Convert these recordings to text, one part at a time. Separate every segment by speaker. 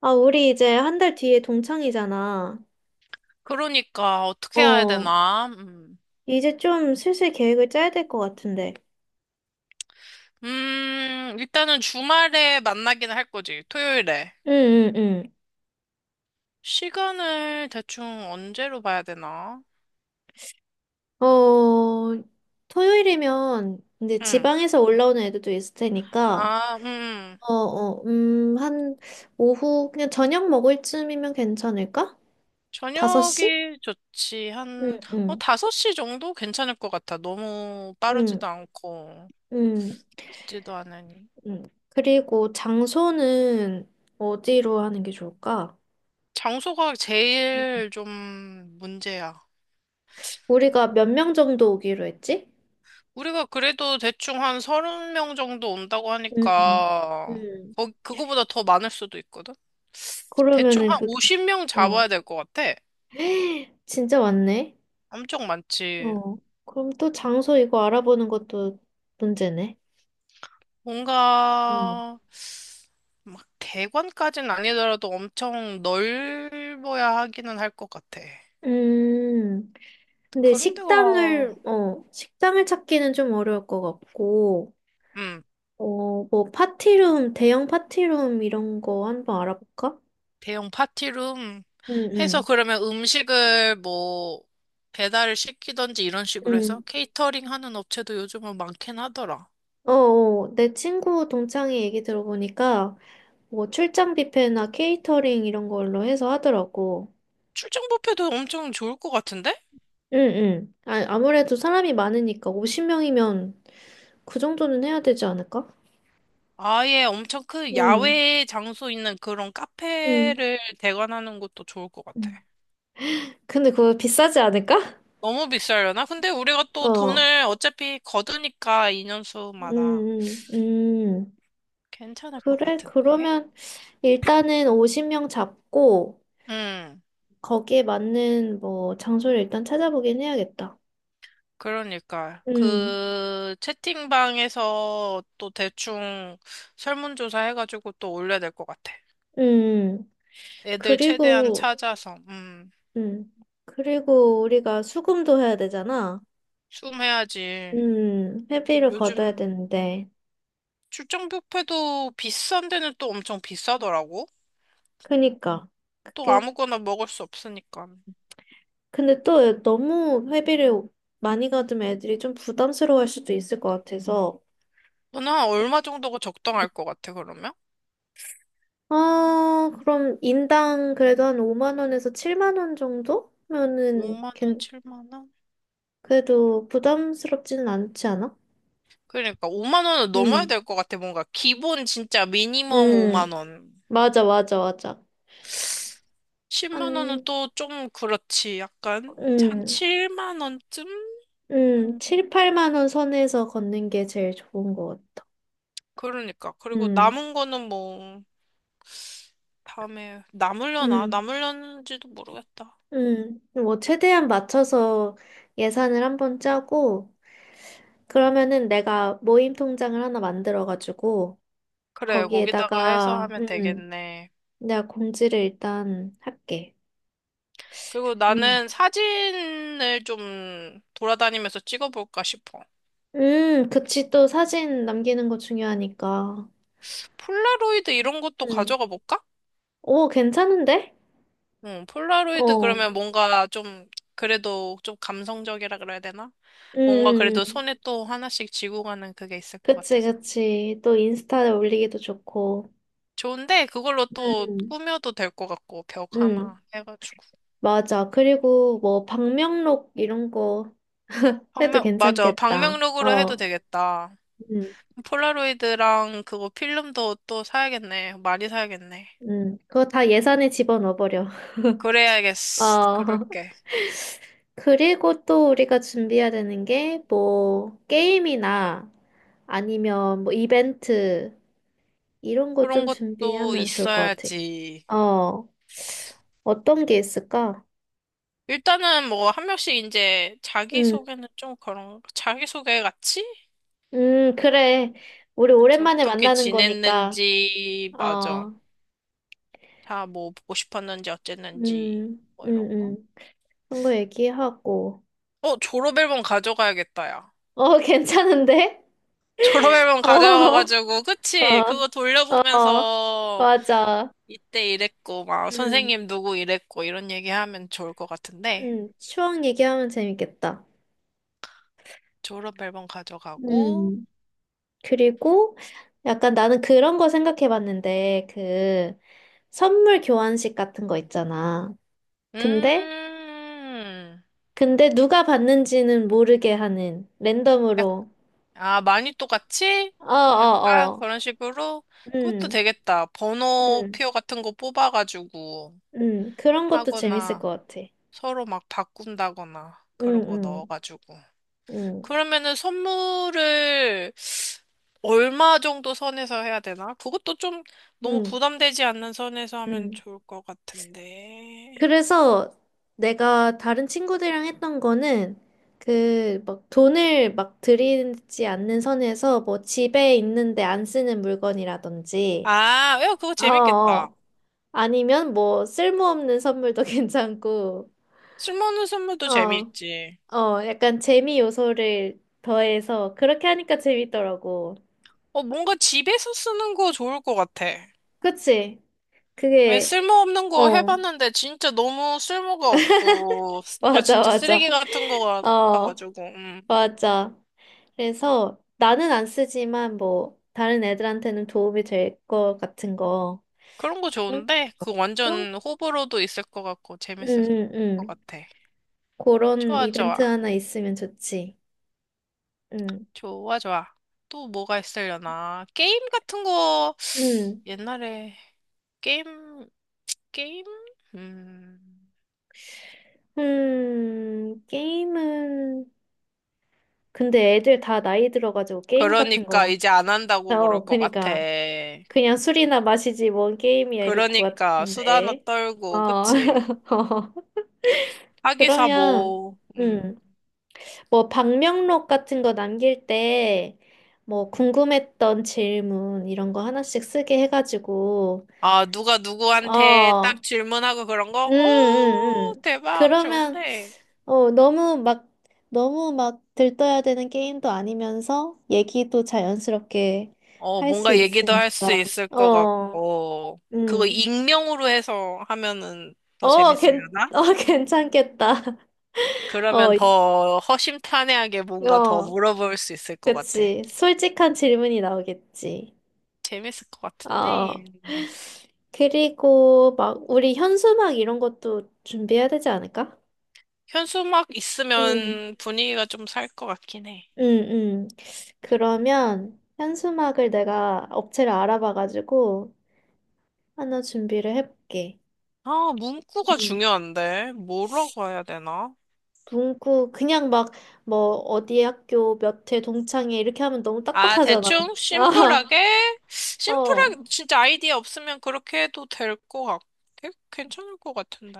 Speaker 1: 아, 우리 이제 한 달 뒤에 동창이잖아.
Speaker 2: 그러니까 어떻게 해야
Speaker 1: 어,
Speaker 2: 되나?
Speaker 1: 이제 좀 슬슬 계획을 짜야 될 것 같은데.
Speaker 2: 일단은 주말에 만나기는 할 거지. 토요일에.
Speaker 1: 응, 응,
Speaker 2: 시간을 대충 언제로 봐야 되나?
Speaker 1: 응. 토요일이면, 근데
Speaker 2: 응.
Speaker 1: 지방에서 올라오는 애들도 있을 테니까,
Speaker 2: 아,
Speaker 1: 한, 오후, 그냥 저녁 먹을 쯤이면 괜찮을까? 5시.
Speaker 2: 저녁이 좋지.
Speaker 1: 응,
Speaker 2: 한,
Speaker 1: 응,
Speaker 2: 5시 정도 괜찮을 것 같아. 너무 빠르지도
Speaker 1: 응,
Speaker 2: 않고,
Speaker 1: 응,
Speaker 2: 늦지도 않으니.
Speaker 1: 응. 그리고 장소는 어디로 하는 게 좋을까?
Speaker 2: 장소가 제일 좀 문제야.
Speaker 1: 우리가 몇 명 정도 오기로 했지?
Speaker 2: 우리가 그래도 대충 한 30명 정도 온다고
Speaker 1: 음,
Speaker 2: 하니까,
Speaker 1: 음.
Speaker 2: 그거보다 더 많을 수도 있거든? 대충
Speaker 1: 그러면은
Speaker 2: 한
Speaker 1: 그.
Speaker 2: 50명
Speaker 1: 어.
Speaker 2: 잡아야 될 것 같아.
Speaker 1: 진짜 왔네.
Speaker 2: 엄청 많지.
Speaker 1: 어. 그럼 또 장소 이거 알아보는 것도 문제네. 음.
Speaker 2: 뭔가 막 대관까지는 아니더라도 엄청 넓어야 하기는 할 것 같아.
Speaker 1: 음. 근데
Speaker 2: 그런 데가
Speaker 1: 식당을 찾기는 좀 어려울 것 같고,
Speaker 2: 음,
Speaker 1: 뭐, 파티룸, 대형 파티룸 이런 거 한번 알아볼까?
Speaker 2: 대형 파티룸
Speaker 1: 응,
Speaker 2: 해서
Speaker 1: 응,
Speaker 2: 그러면 음식을 뭐 배달을 시키던지 이런 식으로 해서
Speaker 1: 응.
Speaker 2: 케이터링 하는 업체도 요즘은 많긴 하더라.
Speaker 1: 내 친구 동창이 얘기 들어보니까, 뭐, 출장 뷔페나 케이터링 이런 걸로 해서 하더라고.
Speaker 2: 출장 뷔페도 엄청 좋을 것 같은데?
Speaker 1: 응, 응. 아, 아무래도 사람이 많으니까 50명이면 그 정도는 해야 되지 않을까?
Speaker 2: 아예 엄청 큰
Speaker 1: 응,
Speaker 2: 야외 장소 있는 그런
Speaker 1: 응.
Speaker 2: 카페를 대관하는 것도 좋을 것
Speaker 1: 응,
Speaker 2: 같아.
Speaker 1: 근데 그거 비싸지 않을까?
Speaker 2: 너무 비싸려나? 근데 우리가 또
Speaker 1: 어,
Speaker 2: 돈을 어차피 거두니까 인원수마다
Speaker 1: 음, 음, 음.
Speaker 2: 괜찮을 것
Speaker 1: 그래,
Speaker 2: 같은데?
Speaker 1: 그러면 일단은 50명 잡고
Speaker 2: 음,
Speaker 1: 거기에 맞는 뭐 장소를 일단 찾아보긴 해야겠다.
Speaker 2: 그러니까.
Speaker 1: 음,
Speaker 2: 그 채팅방에서 또 대충 설문조사 해가지고 또 올려야 될 것 같아.
Speaker 1: 음.
Speaker 2: 애들 최대한
Speaker 1: 그리고.
Speaker 2: 찾아서,
Speaker 1: 음. 그리고 우리가 수금도 해야 되잖아.
Speaker 2: 숨해야지.
Speaker 1: 회비를 걷어야
Speaker 2: 요즘
Speaker 1: 되는데.
Speaker 2: 출장 뷔페도 비싼 데는 또 엄청 비싸더라고.
Speaker 1: 그니까.
Speaker 2: 또
Speaker 1: 그게
Speaker 2: 아무거나 먹을 수 없으니까.
Speaker 1: 근데 또 너무 회비를 많이 가지면 애들이 좀 부담스러워할 수도 있을 것 같아서.
Speaker 2: 너는 한 얼마 정도가 적당할 것 같아, 그러면?
Speaker 1: 아, 그럼 인당 그래도 한 5만 원에서 7만 원 정도면은
Speaker 2: 5만 원,
Speaker 1: 괜-
Speaker 2: 7만 원?
Speaker 1: 그래도 부담스럽지는 않지 않아?
Speaker 2: 그러니까 5만 원은 넘어야
Speaker 1: 음.
Speaker 2: 될 것 같아, 뭔가. 기본 진짜 미니멈
Speaker 1: 음.
Speaker 2: 5만 원.
Speaker 1: 맞아, 맞아, 맞아.
Speaker 2: 10만 원은
Speaker 1: 한,
Speaker 2: 또 좀 그렇지, 약간. 한
Speaker 1: 음,
Speaker 2: 7만 원쯤? 음,
Speaker 1: 7, 8만 원 선에서 걷는 게 제일 좋은 것 같아.
Speaker 2: 그러니까. 그리고
Speaker 1: 음,
Speaker 2: 남은 거는 뭐, 다음에, 남으려나?
Speaker 1: 음,
Speaker 2: 남으려는지도 모르겠다.
Speaker 1: 뭐, 최대한 맞춰서 예산을 한번 짜고, 그러면은 내가 모임 통장을 하나 만들어가지고
Speaker 2: 그래, 거기다가 해서
Speaker 1: 거기에다가
Speaker 2: 하면 되겠네.
Speaker 1: 내가 공지를 일단 할게.
Speaker 2: 그리고
Speaker 1: 음.
Speaker 2: 나는 사진을 좀 돌아다니면서 찍어볼까 싶어.
Speaker 1: 그치, 또 사진 남기는 거 중요하니까.
Speaker 2: 폴라로이드 이런 것도
Speaker 1: 음.
Speaker 2: 가져가 볼까?
Speaker 1: 오, 괜찮은데?
Speaker 2: 응, 폴라로이드
Speaker 1: 어. 음.
Speaker 2: 그러면 뭔가 좀, 그래도 좀 감성적이라 그래야 되나? 뭔가
Speaker 1: 음,
Speaker 2: 그래도
Speaker 1: 음.
Speaker 2: 손에 또 하나씩 쥐고 가는 그게 있을 것
Speaker 1: 그치,
Speaker 2: 같아서.
Speaker 1: 그치. 또 인스타에 올리기도 좋고.
Speaker 2: 좋은데, 그걸로 또
Speaker 1: 음.
Speaker 2: 꾸며도 될 것 같고, 벽
Speaker 1: 음.
Speaker 2: 하나 해가지고.
Speaker 1: 맞아. 그리고 뭐 방명록 이런 거 해도
Speaker 2: 맞아.
Speaker 1: 괜찮겠다.
Speaker 2: 방명록으로 해도
Speaker 1: 어.
Speaker 2: 되겠다.
Speaker 1: 음.
Speaker 2: 폴라로이드랑 그거 필름도 또 사야겠네. 많이 사야겠네.
Speaker 1: 음. 그거 다 예산에 집어넣어버려.
Speaker 2: 그래야겠어.
Speaker 1: 어.
Speaker 2: 그럴게.
Speaker 1: 그리고 또 우리가 준비해야 되는 게 뭐 게임이나 아니면 뭐 이벤트 이런 거
Speaker 2: 그런
Speaker 1: 좀
Speaker 2: 것도
Speaker 1: 준비하면 좋을 것 같아.
Speaker 2: 있어야지.
Speaker 1: 어, 어떤 게 있을까?
Speaker 2: 일단은 뭐 한 명씩 이제
Speaker 1: 음,
Speaker 2: 자기소개는 좀 그런 자기소개 같이
Speaker 1: 그래. 우리
Speaker 2: 그치,
Speaker 1: 오랜만에
Speaker 2: 어떻게
Speaker 1: 만나는 거니까.
Speaker 2: 지냈는지 맞아
Speaker 1: 어,
Speaker 2: 다 뭐 보고 싶었는지 어쨌는지
Speaker 1: 음,
Speaker 2: 뭐
Speaker 1: 음,
Speaker 2: 이런 거.
Speaker 1: 음. 그런 거 얘기하고.
Speaker 2: 어 졸업앨범 가져가야겠다 야.
Speaker 1: 어, 괜찮은데?
Speaker 2: 졸업앨범
Speaker 1: 어, 어,
Speaker 2: 가져가가지고 그치 그거
Speaker 1: 어,
Speaker 2: 돌려보면서
Speaker 1: 맞아.
Speaker 2: 이때 이랬고 막
Speaker 1: 음,
Speaker 2: 선생님 누구 이랬고 이런 얘기하면 좋을 것 같은데
Speaker 1: 추억 얘기하면 재밌겠다.
Speaker 2: 졸업앨범 가져가고
Speaker 1: 음. 그리고 약간 나는 그런 거 생각해 봤는데, 그 선물 교환식 같은 거 있잖아. 근데,
Speaker 2: 음.
Speaker 1: 근데 누가 받는지는 모르게 하는,
Speaker 2: 약간
Speaker 1: 랜덤으로.
Speaker 2: 아, 많이 똑같이?
Speaker 1: 어, 어,
Speaker 2: 약간
Speaker 1: 어.
Speaker 2: 그런 식으로? 그것도
Speaker 1: 음,
Speaker 2: 되겠다.
Speaker 1: 음,
Speaker 2: 번호표 같은 거 뽑아가지고
Speaker 1: 그런 것도 재밌을
Speaker 2: 하거나
Speaker 1: 것 같아.
Speaker 2: 서로 막 바꾼다거나
Speaker 1: 음,
Speaker 2: 그런 거
Speaker 1: 음,
Speaker 2: 넣어가지고.
Speaker 1: 음,
Speaker 2: 그러면은 선물을 얼마 정도 선에서 해야 되나? 그것도 좀 너무
Speaker 1: 음,
Speaker 2: 부담되지 않는 선에서 하면
Speaker 1: 음.
Speaker 2: 좋을 것 같은데.
Speaker 1: 그래서 내가 다른 친구들이랑 했던 거는 그 막 돈을 막 들이지 않는 선에서 뭐 집에 있는데 안 쓰는 물건이라든지
Speaker 2: 아, 야, 그거
Speaker 1: 어,
Speaker 2: 재밌겠다.
Speaker 1: 어, 아니면 뭐 쓸모없는 선물도 괜찮고.
Speaker 2: 쓸모없는 선물도
Speaker 1: 어.
Speaker 2: 재밌지.
Speaker 1: 어, 약간 재미 요소를 더해서 그렇게 하니까 재밌더라고.
Speaker 2: 어, 뭔가 집에서 쓰는 거 좋을 것 같아.
Speaker 1: 그치?
Speaker 2: 왜
Speaker 1: 그게
Speaker 2: 쓸모없는 거
Speaker 1: 어,
Speaker 2: 해봤는데 진짜 너무 쓸모가 없고 나
Speaker 1: 맞아,
Speaker 2: 진짜
Speaker 1: 맞아.
Speaker 2: 쓰레기 같은 거
Speaker 1: 어.
Speaker 2: 같아가지고
Speaker 1: 맞아. 그래서 나는 안 쓰지만 뭐 다른 애들한테는 도움이 될 것 같은 거,
Speaker 2: 그런 거
Speaker 1: 그런 거.
Speaker 2: 좋은데 그
Speaker 1: 그런
Speaker 2: 완전 호불호도 있을 것 같고
Speaker 1: 응,
Speaker 2: 재밌을
Speaker 1: 응,
Speaker 2: 것
Speaker 1: 응.
Speaker 2: 같아.
Speaker 1: 그런
Speaker 2: 좋아 좋아
Speaker 1: 이벤트 하나 있으면 좋지. 응,
Speaker 2: 좋아 좋아. 또 뭐가 있으려나? 게임 같은 거
Speaker 1: 응.
Speaker 2: 옛날에 게임 게임? 음
Speaker 1: 게임은, 근데 애들 다 나이 들어가지고 게임 같은
Speaker 2: 그러니까
Speaker 1: 거.
Speaker 2: 이제 안 한다고 그럴
Speaker 1: 어,
Speaker 2: 것 같아.
Speaker 1: 그니까 그냥 술이나 마시지 뭔 게임이야 이럴 것
Speaker 2: 그러니까 수다나
Speaker 1: 같은데.
Speaker 2: 떨고
Speaker 1: 어.
Speaker 2: 그치? 하기사
Speaker 1: 그러면,
Speaker 2: 뭐
Speaker 1: 응. 뭐 방명록 같은 거 남길 때 뭐 궁금했던 질문 이런 거 하나씩 쓰게 해가지고.
Speaker 2: 아, 누가 누구한테
Speaker 1: 어,
Speaker 2: 딱 질문하고 그런 거?
Speaker 1: 음, 음,
Speaker 2: 오, 대박,
Speaker 1: 그러면
Speaker 2: 좋은데.
Speaker 1: 어 너무 막 너무 막 들떠야 되는 게임도 아니면서 얘기도 자연스럽게
Speaker 2: 어,
Speaker 1: 할 수
Speaker 2: 뭔가 얘기도 할 수
Speaker 1: 있으니까.
Speaker 2: 있을 것
Speaker 1: 어,
Speaker 2: 같고, 그거
Speaker 1: 음,
Speaker 2: 익명으로 해서 하면은 더
Speaker 1: 어,
Speaker 2: 재밌으려나?
Speaker 1: 괜찮겠다. 어,
Speaker 2: 그러면 더 허심탄회하게 뭔가 더
Speaker 1: 어,
Speaker 2: 물어볼 수 있을 것 같아.
Speaker 1: 그치. 솔직한 질문이 나오겠지.
Speaker 2: 재밌을 것
Speaker 1: 어.
Speaker 2: 같은데. 네.
Speaker 1: 그리고 막 우리 현수막 이런 것도 준비해야 되지 않을까?
Speaker 2: 현수막
Speaker 1: 음,
Speaker 2: 있으면 분위기가 좀 살 것 같긴 해.
Speaker 1: 음, 음. 그러면 현수막을 내가 업체를 알아봐가지고 하나 준비를 해볼게.
Speaker 2: 아, 문구가
Speaker 1: 음.
Speaker 2: 중요한데. 뭐라고 해야 되나?
Speaker 1: 문구 그냥 막 뭐 어디 학교 몇 회 동창회 이렇게 하면 너무
Speaker 2: 아,
Speaker 1: 딱딱하잖아.
Speaker 2: 대충
Speaker 1: 아,
Speaker 2: 심플하게,
Speaker 1: 어, 어,
Speaker 2: 심플하게, 진짜 아이디어 없으면 그렇게 해도 될 것 같, 괜찮을 것 같은데.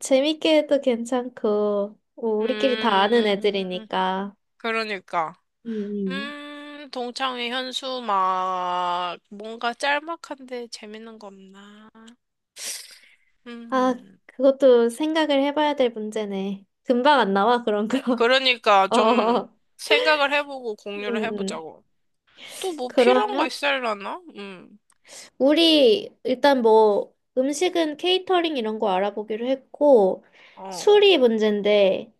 Speaker 1: 재밌게 해도 괜찮고 뭐 우리끼리 다 아는
Speaker 2: 음,
Speaker 1: 애들이니까.
Speaker 2: 그러니까.
Speaker 1: 음, 음.
Speaker 2: 동창회 현수 막, 뭔가 짤막한데 재밌는 거 없나.
Speaker 1: 아,
Speaker 2: 음,
Speaker 1: 그것도 생각을 해봐야 될 문제네. 금방 안 나와, 그런 거.
Speaker 2: 그러니까 좀
Speaker 1: 어.
Speaker 2: 생각을 해보고 공유를
Speaker 1: 음.
Speaker 2: 해보자고. 또 뭐 필요한 거
Speaker 1: 그러면,
Speaker 2: 있야하나
Speaker 1: 우리, 일단 뭐, 음식은 케이터링 이런 거 알아보기로 했고,
Speaker 2: 어.
Speaker 1: 술이 문제인데,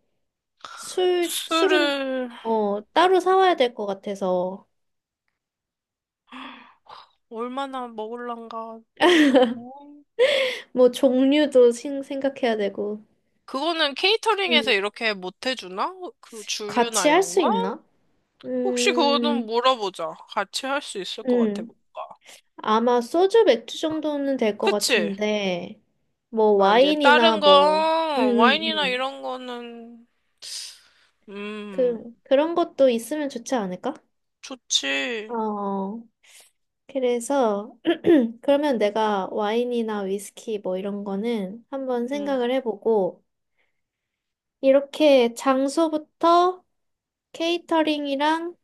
Speaker 1: 술은,
Speaker 2: 술을
Speaker 1: 따로 사와야 될 것 같아서,
Speaker 2: 얼마나 먹을란가 모르겠네.
Speaker 1: 뭐, 종류도 생각해야 되고,
Speaker 2: 그거는 케이터링에서
Speaker 1: 음.
Speaker 2: 이렇게 못 해주나? 그
Speaker 1: 같이
Speaker 2: 주류나
Speaker 1: 할
Speaker 2: 이런
Speaker 1: 수
Speaker 2: 건?
Speaker 1: 있나?
Speaker 2: 혹시 그거는
Speaker 1: 음,
Speaker 2: 물어보자. 같이 할 수 있을 것 같아.
Speaker 1: 음. 아마 소주 맥주 정도는 될 것
Speaker 2: 그치?
Speaker 1: 같은데, 뭐
Speaker 2: 아, 이제
Speaker 1: 와인이나
Speaker 2: 다른
Speaker 1: 뭐, 음,
Speaker 2: 건
Speaker 1: 음,
Speaker 2: 와인이나
Speaker 1: 음.
Speaker 2: 이런 거는, 음,
Speaker 1: 그런 것도 있으면 좋지 않을까?
Speaker 2: 좋지.
Speaker 1: 어, 그래서, 그러면 내가 와인이나 위스키 뭐 이런 거는 한번
Speaker 2: 음,
Speaker 1: 생각을 해보고, 이렇게 장소부터 케이터링이랑,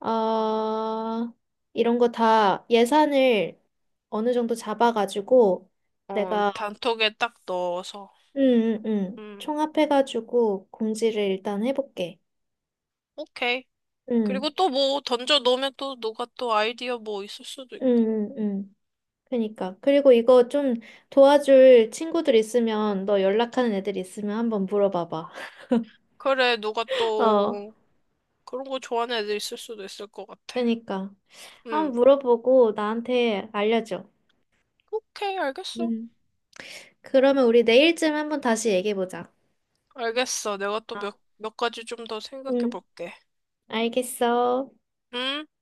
Speaker 1: 어, 이런 거 다 예산을 어느 정도 잡아가지고,
Speaker 2: 어,
Speaker 1: 내가,
Speaker 2: 단톡에 딱 넣어서.
Speaker 1: 응, 응, 응,
Speaker 2: 음,
Speaker 1: 총합해가지고 공지를 일단 해볼게.
Speaker 2: 오케이.
Speaker 1: 응,
Speaker 2: 그리고 또 뭐 던져 놓으면 또 누가 또 아이디어 뭐 있을 수도
Speaker 1: 응,
Speaker 2: 있고.
Speaker 1: 응, 응. 그니까. 그리고 이거 좀 도와줄 친구들 있으면, 너 연락하는 애들 있으면 한번 물어봐봐.
Speaker 2: 그래, 누가
Speaker 1: 어,
Speaker 2: 또 그런 거 좋아하는 애들 있을 수도 있을 것 같아.
Speaker 1: 그니까. 한번
Speaker 2: 음,
Speaker 1: 물어보고 나한테 알려줘.
Speaker 2: 오케이, 알겠어.
Speaker 1: 응. 그러면 우리 내일쯤 한번 다시 얘기해보자.
Speaker 2: 알겠어. 내가 또 몇,
Speaker 1: 아,
Speaker 2: 몇 가지 좀 더 생각해
Speaker 1: 응,
Speaker 2: 볼게.
Speaker 1: 알겠어.
Speaker 2: 응?